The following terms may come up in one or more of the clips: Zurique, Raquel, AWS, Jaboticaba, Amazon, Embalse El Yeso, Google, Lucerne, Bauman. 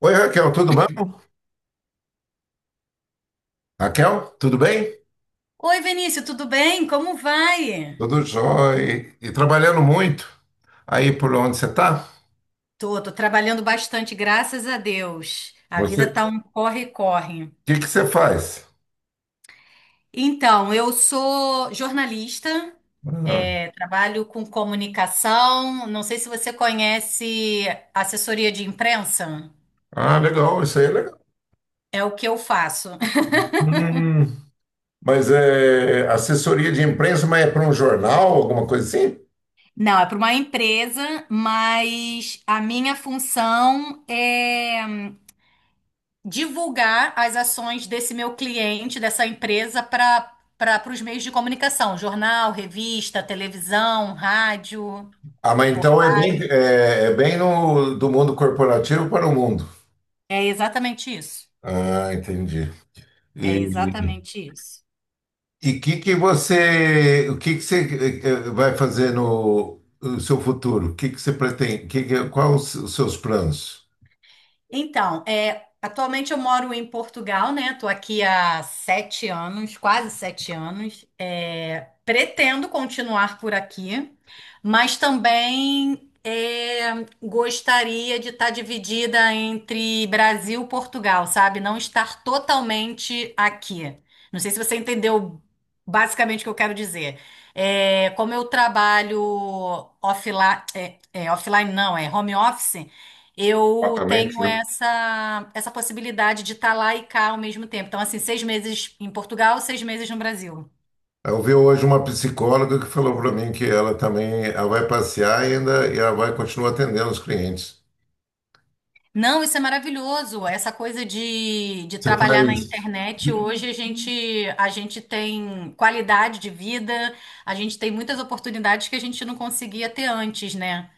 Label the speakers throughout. Speaker 1: Oi, Raquel, tudo bom? Raquel, tudo bem?
Speaker 2: Oi, Vinícius, tudo bem? Como vai?
Speaker 1: Tudo jóia. E trabalhando muito. Aí por onde você está?
Speaker 2: Tô trabalhando bastante, graças a Deus. A
Speaker 1: Você,
Speaker 2: vida
Speaker 1: o
Speaker 2: tá um corre-corre.
Speaker 1: que que você faz?
Speaker 2: Então, eu sou jornalista,
Speaker 1: Ah,
Speaker 2: trabalho com comunicação. Não sei se você conhece assessoria de imprensa.
Speaker 1: legal, isso aí é legal.
Speaker 2: É o que eu faço.
Speaker 1: Hum, mas é assessoria de imprensa, mas é para um jornal, alguma coisa assim?
Speaker 2: Não, é para uma empresa, mas a minha função é divulgar as ações desse meu cliente, dessa empresa, para os meios de comunicação, jornal, revista, televisão, rádio,
Speaker 1: Ah, mas então é bem,
Speaker 2: portais.
Speaker 1: é bem no, do mundo corporativo para o mundo.
Speaker 2: É exatamente isso.
Speaker 1: Ah, entendi. E,
Speaker 2: É exatamente isso.
Speaker 1: E que você, o que que você vai fazer no seu futuro? O que que você pretende? Que, qual os seus planos?
Speaker 2: Então, atualmente eu moro em Portugal, né? Tô aqui há sete anos, quase sete anos. Pretendo continuar por aqui, mas também gostaria de estar dividida entre Brasil e Portugal, sabe? Não estar totalmente aqui. Não sei se você entendeu basicamente o que eu quero dizer. Como eu trabalho offline, offline não, é home office. Eu
Speaker 1: Exatamente,
Speaker 2: tenho
Speaker 1: né?
Speaker 2: essa possibilidade de estar lá e cá ao mesmo tempo. Então, assim, seis meses em Portugal, seis meses no Brasil.
Speaker 1: Eu vi hoje uma psicóloga que falou para mim que ela também, ela vai passear e ainda e ela vai continuar atendendo os clientes.
Speaker 2: Não, isso é maravilhoso. Essa coisa de
Speaker 1: Você
Speaker 2: trabalhar na
Speaker 1: faz
Speaker 2: internet, hoje a gente tem qualidade de vida, a gente tem muitas oportunidades que a gente não conseguia ter antes, né?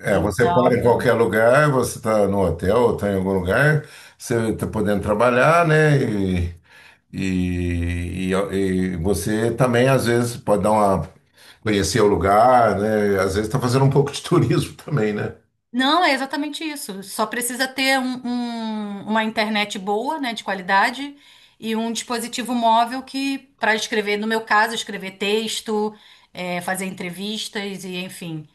Speaker 1: é, você
Speaker 2: Então,
Speaker 1: para em qualquer lugar, você está no hotel ou está em algum lugar, você está podendo trabalhar, né? E você também, às vezes, pode dar uma, conhecer o lugar, né? Às vezes está fazendo um pouco de turismo também, né?
Speaker 2: não, é exatamente isso. Só precisa ter uma internet boa, né, de qualidade, e um dispositivo móvel que, para escrever, no meu caso, escrever texto, fazer entrevistas e enfim.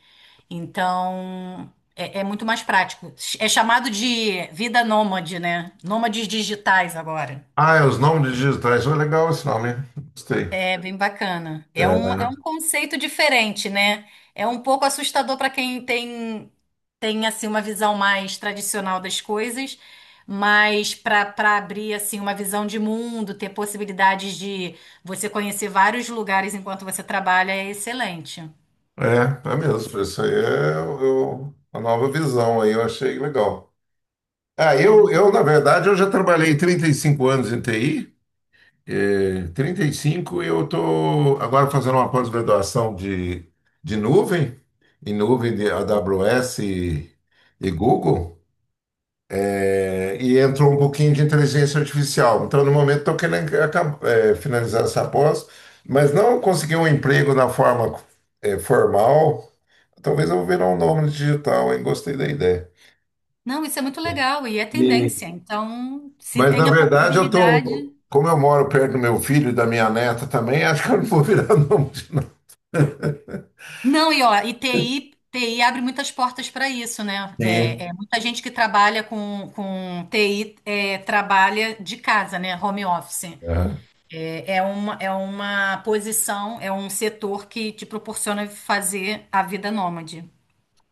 Speaker 2: Então, é muito mais prático. É chamado de vida nômade, né? Nômades digitais agora.
Speaker 1: Ah, é os nomes digitais, oh, legal esse nome, hein? Gostei.
Speaker 2: É bem bacana. É um,
Speaker 1: É,
Speaker 2: é um conceito diferente, né? É um pouco assustador para quem tem assim uma visão mais tradicional das coisas, mas para abrir assim uma visão de mundo, ter possibilidades de você conhecer vários lugares enquanto você trabalha é excelente.
Speaker 1: é mesmo, isso aí a nova visão aí, eu achei legal. Ah,
Speaker 2: É
Speaker 1: eu,
Speaker 2: muito.
Speaker 1: eu, na verdade, eu já trabalhei 35 anos em TI. É, 35, eu estou agora fazendo uma pós-graduação de nuvem, em nuvem de AWS e Google, é, e entrou um pouquinho de inteligência artificial. Então, no momento, estou querendo finalizar essa pós, mas não consegui um emprego na forma, é, formal. Talvez eu vou virar um nome digital, hein? Gostei da ideia.
Speaker 2: Não, isso é muito legal e é
Speaker 1: E-
Speaker 2: tendência. Então, se
Speaker 1: mas, na
Speaker 2: tem a
Speaker 1: verdade, eu tô.
Speaker 2: possibilidade.
Speaker 1: Como eu moro perto do meu filho e da minha neta também, acho que eu não vou virar nome de nada.
Speaker 2: Não, e ó, e TI abre muitas portas para isso, né? Muita gente que trabalha com TI trabalha de casa, né? Home office.
Speaker 1: Aham.
Speaker 2: É uma posição, é um setor que te proporciona fazer a vida nômade.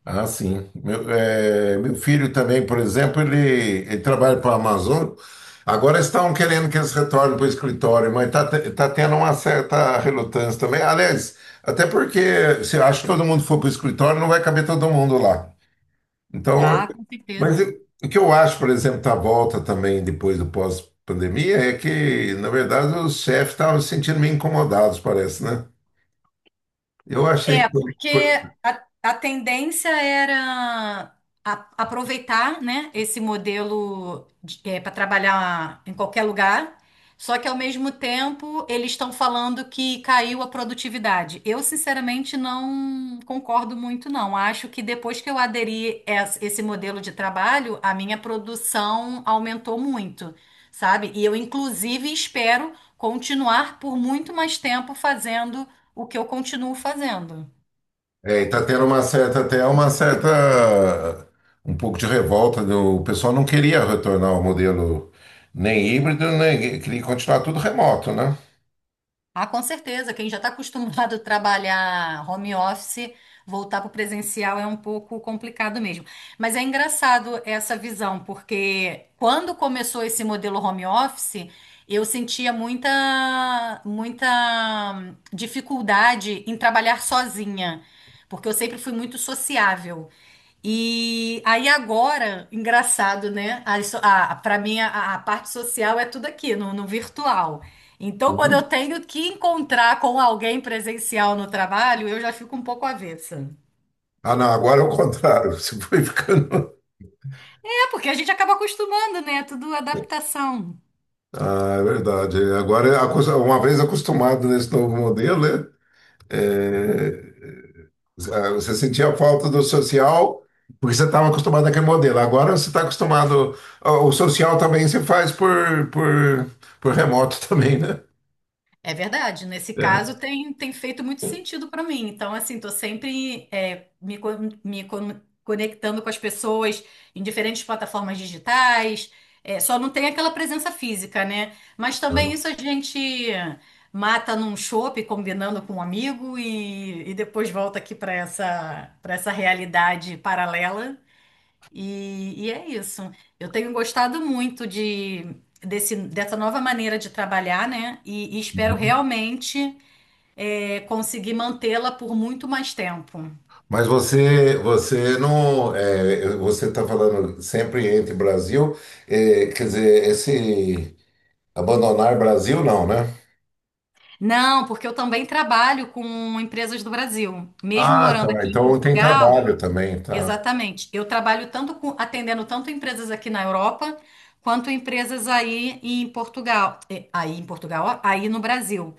Speaker 1: Ah, sim. Meu filho também, por exemplo, ele trabalha para a Amazon. Agora estão querendo que eles retornem para o escritório, mas tá tendo uma certa relutância também. Aliás, até porque se eu acho que todo mundo for para o escritório, não vai caber todo mundo lá. Então,
Speaker 2: Ah, com certeza.
Speaker 1: o que eu acho, por exemplo, da volta também depois do pós-pandemia é que, na verdade, os chefes estavam se sentindo meio incomodados, parece, né? Eu achei que foi.
Speaker 2: Porque a tendência era aproveitar, né, esse modelo para trabalhar em qualquer lugar, só que ao mesmo tempo eles estão falando que caiu a produtividade. Eu, sinceramente, não concordo muito, não. Acho que depois que eu aderi esse modelo de trabalho, a minha produção aumentou muito, sabe? E eu, inclusive, espero continuar por muito mais tempo fazendo o que eu continuo fazendo.
Speaker 1: É, e tá tendo uma certa, um pouco de revolta. O pessoal não queria retornar ao modelo nem híbrido, nem queria continuar tudo remoto, né?
Speaker 2: Ah, com certeza, quem já está acostumado a trabalhar home office, voltar para o presencial é um pouco complicado mesmo. Mas é engraçado essa visão, porque quando começou esse modelo home office, eu sentia muita, muita dificuldade em trabalhar sozinha, porque eu sempre fui muito sociável. E aí agora, engraçado, né? Para mim, a parte social é tudo aqui, no virtual. Então, quando eu tenho que encontrar com alguém presencial no trabalho, eu já fico um pouco avessa.
Speaker 1: Ah, não, agora é o contrário. Você foi ficando.
Speaker 2: Porque a gente acaba acostumando, né? Tudo adaptação.
Speaker 1: Ah, é verdade. Agora, uma vez acostumado nesse novo modelo, né? É, ah, você sentia a falta do social porque você estava acostumado àquele modelo. Agora você está acostumado. Ah, o social também se faz por remoto também, né?
Speaker 2: É verdade, nesse
Speaker 1: É.
Speaker 2: caso tem feito muito sentido para mim. Então, assim, tô sempre me conectando com as pessoas em diferentes plataformas digitais. Só não tem aquela presença física, né? Mas também isso a gente mata num chopp, combinando com um amigo, e depois volta aqui para essa realidade paralela. E é isso. Eu tenho gostado muito dessa nova maneira de trabalhar, né? E espero
Speaker 1: Uhum.
Speaker 2: realmente conseguir mantê-la por muito mais tempo.
Speaker 1: Mas você não, é, você está falando sempre entre Brasil, é, quer dizer, esse abandonar Brasil não, né?
Speaker 2: Não, porque eu também trabalho com empresas do Brasil. Mesmo
Speaker 1: Ah,
Speaker 2: morando
Speaker 1: tá.
Speaker 2: aqui em
Speaker 1: Então tem
Speaker 2: Portugal,
Speaker 1: trabalho também, tá?
Speaker 2: exatamente. Eu trabalho tanto com, atendendo tanto empresas aqui na Europa quanto empresas aí em Portugal, aí no Brasil.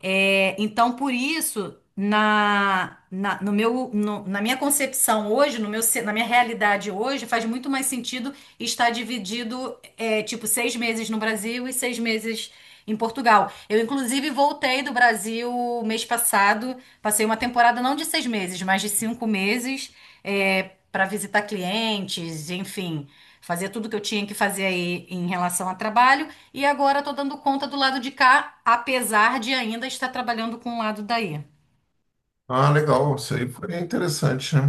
Speaker 2: Então, por isso, na minha concepção hoje, no meu, ce- na minha realidade hoje, faz muito mais sentido estar dividido, tipo, seis meses no Brasil e seis meses em Portugal. Eu, inclusive, voltei do Brasil mês passado, passei uma temporada não de seis meses, mas de cinco meses, para visitar clientes, enfim, fazer tudo que eu tinha que fazer aí em relação a trabalho. E agora estou dando conta do lado de cá, apesar de ainda estar trabalhando com o lado daí.
Speaker 1: Ah, legal. Isso aí foi interessante, né?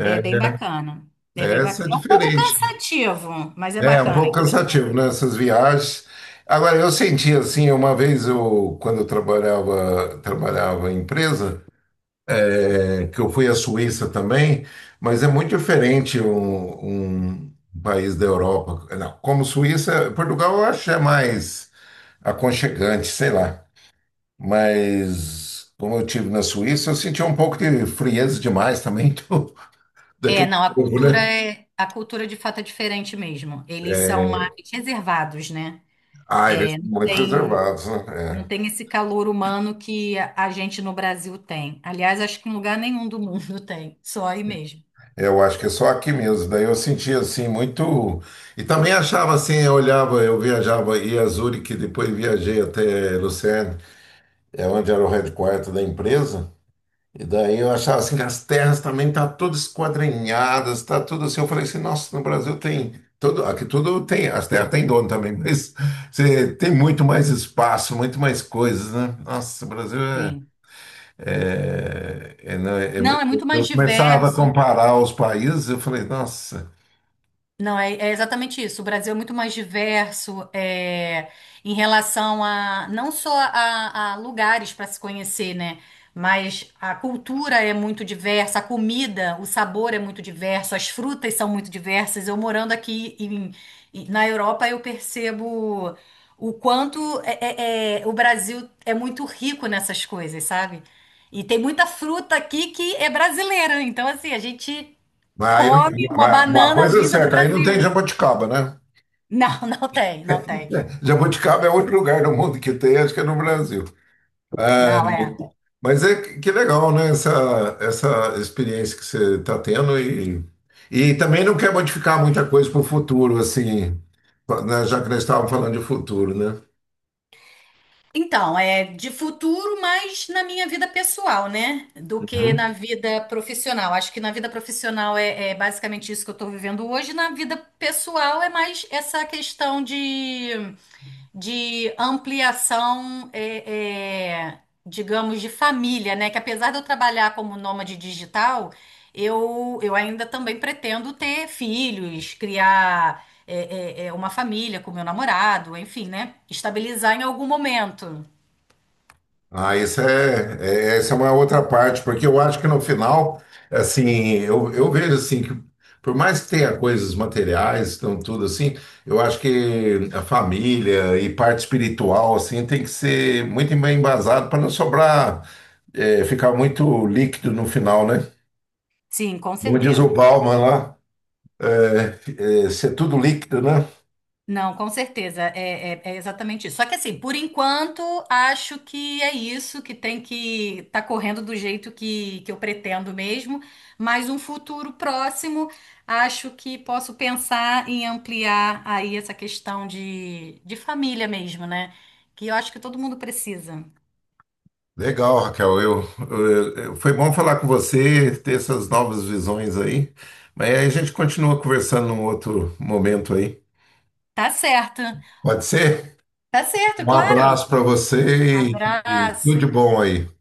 Speaker 2: É bem bacana. É bem
Speaker 1: essa
Speaker 2: bacana.
Speaker 1: é
Speaker 2: É um pouco
Speaker 1: diferente.
Speaker 2: cansativo, mas é
Speaker 1: É um
Speaker 2: bacana, é
Speaker 1: pouco cansativo,
Speaker 2: interessante.
Speaker 1: né? Essas viagens. Agora eu senti assim, uma vez eu, quando eu trabalhava em empresa é, que eu fui à Suíça também, mas é muito diferente um país da Europa. Não, como Suíça, Portugal eu acho que é mais aconchegante, sei lá. Mas como eu tive na Suíça, eu senti um pouco de frieza demais também do, daquele
Speaker 2: Não, a
Speaker 1: povo,
Speaker 2: cultura
Speaker 1: né?
Speaker 2: é, a cultura de fato é diferente mesmo. Eles são mais reservados, né?
Speaker 1: Ah, eles são muito
Speaker 2: Tem,
Speaker 1: reservados,
Speaker 2: não
Speaker 1: né? É.
Speaker 2: tem esse calor humano que a gente no Brasil tem. Aliás, acho que em lugar nenhum do mundo tem, só aí mesmo.
Speaker 1: Eu acho que é só aqui mesmo. Daí eu sentia assim muito. E também achava assim, eu olhava, eu viajava, ia a Zurique, depois viajei até Lucerne. É onde era o headquarter da empresa. E daí eu achava assim, as terras também tá todas esquadrinhadas, tá tudo assim. Eu falei assim, nossa, no Brasil tem tudo, aqui tudo tem, as terras tem dono também, mas você tem muito mais espaço, muito mais coisas, né? Nossa, o Brasil é,
Speaker 2: Tem.
Speaker 1: é- é, não, é
Speaker 2: Não,
Speaker 1: muito.
Speaker 2: é muito mais
Speaker 1: Eu começava a
Speaker 2: diverso.
Speaker 1: comparar os países, eu falei, nossa,
Speaker 2: Não, é exatamente isso. O Brasil é muito mais diverso em relação a não só a lugares para se conhecer, né? Mas a cultura é muito diversa, a comida, o sabor é muito diverso, as frutas são muito diversas. Eu morando aqui na Europa, eu percebo o quanto o Brasil é muito rico nessas coisas, sabe? E tem muita fruta aqui que é brasileira. Então, assim, a gente
Speaker 1: mas aí, não-
Speaker 2: come uma
Speaker 1: mas uma
Speaker 2: banana
Speaker 1: coisa é
Speaker 2: vinda do
Speaker 1: certa, aí não tem
Speaker 2: Brasil.
Speaker 1: Jaboticaba, né?
Speaker 2: Não, não tem, não tem.
Speaker 1: Jaboticaba é outro lugar do mundo que tem, acho que é no Brasil. É,
Speaker 2: Não, é.
Speaker 1: mas é que legal, né? Essa experiência que você está tendo e também não quer modificar muita coisa para o futuro, assim, né? Já que nós estávamos falando de futuro, né?
Speaker 2: Então, é de futuro, mas na minha vida pessoal, né? Do que na vida profissional. Acho que na vida profissional é basicamente isso que eu estou vivendo hoje. Na vida pessoal é mais essa questão de ampliação, digamos, de família, né? Que apesar de eu trabalhar como nômade digital, eu ainda também pretendo ter filhos, criar uma família com meu namorado, enfim, né? Estabilizar em algum momento.
Speaker 1: Ah, essa é uma outra parte, porque eu acho que no final, assim, eu vejo assim que por mais que tenha coisas materiais, então tudo assim, eu acho que a família e parte espiritual assim tem que ser muito bem embasado para não sobrar, é, ficar muito líquido no final, né?
Speaker 2: Sim, com
Speaker 1: Como diz o
Speaker 2: certeza.
Speaker 1: Bauman lá, ser tudo líquido, né?
Speaker 2: Não, com certeza, é exatamente isso. Só que assim, por enquanto, acho que é isso, que tem que tá correndo do jeito que eu pretendo mesmo, mas um futuro próximo, acho que posso pensar em ampliar aí essa questão de família mesmo, né? Que eu acho que todo mundo precisa.
Speaker 1: Legal, Raquel. Foi bom falar com você, ter essas novas visões aí. Mas aí a gente continua conversando num outro momento aí.
Speaker 2: Tá certo,
Speaker 1: Pode ser?
Speaker 2: tá certo,
Speaker 1: Um
Speaker 2: claro.
Speaker 1: abraço para você e
Speaker 2: Abraço.
Speaker 1: tudo de bom aí.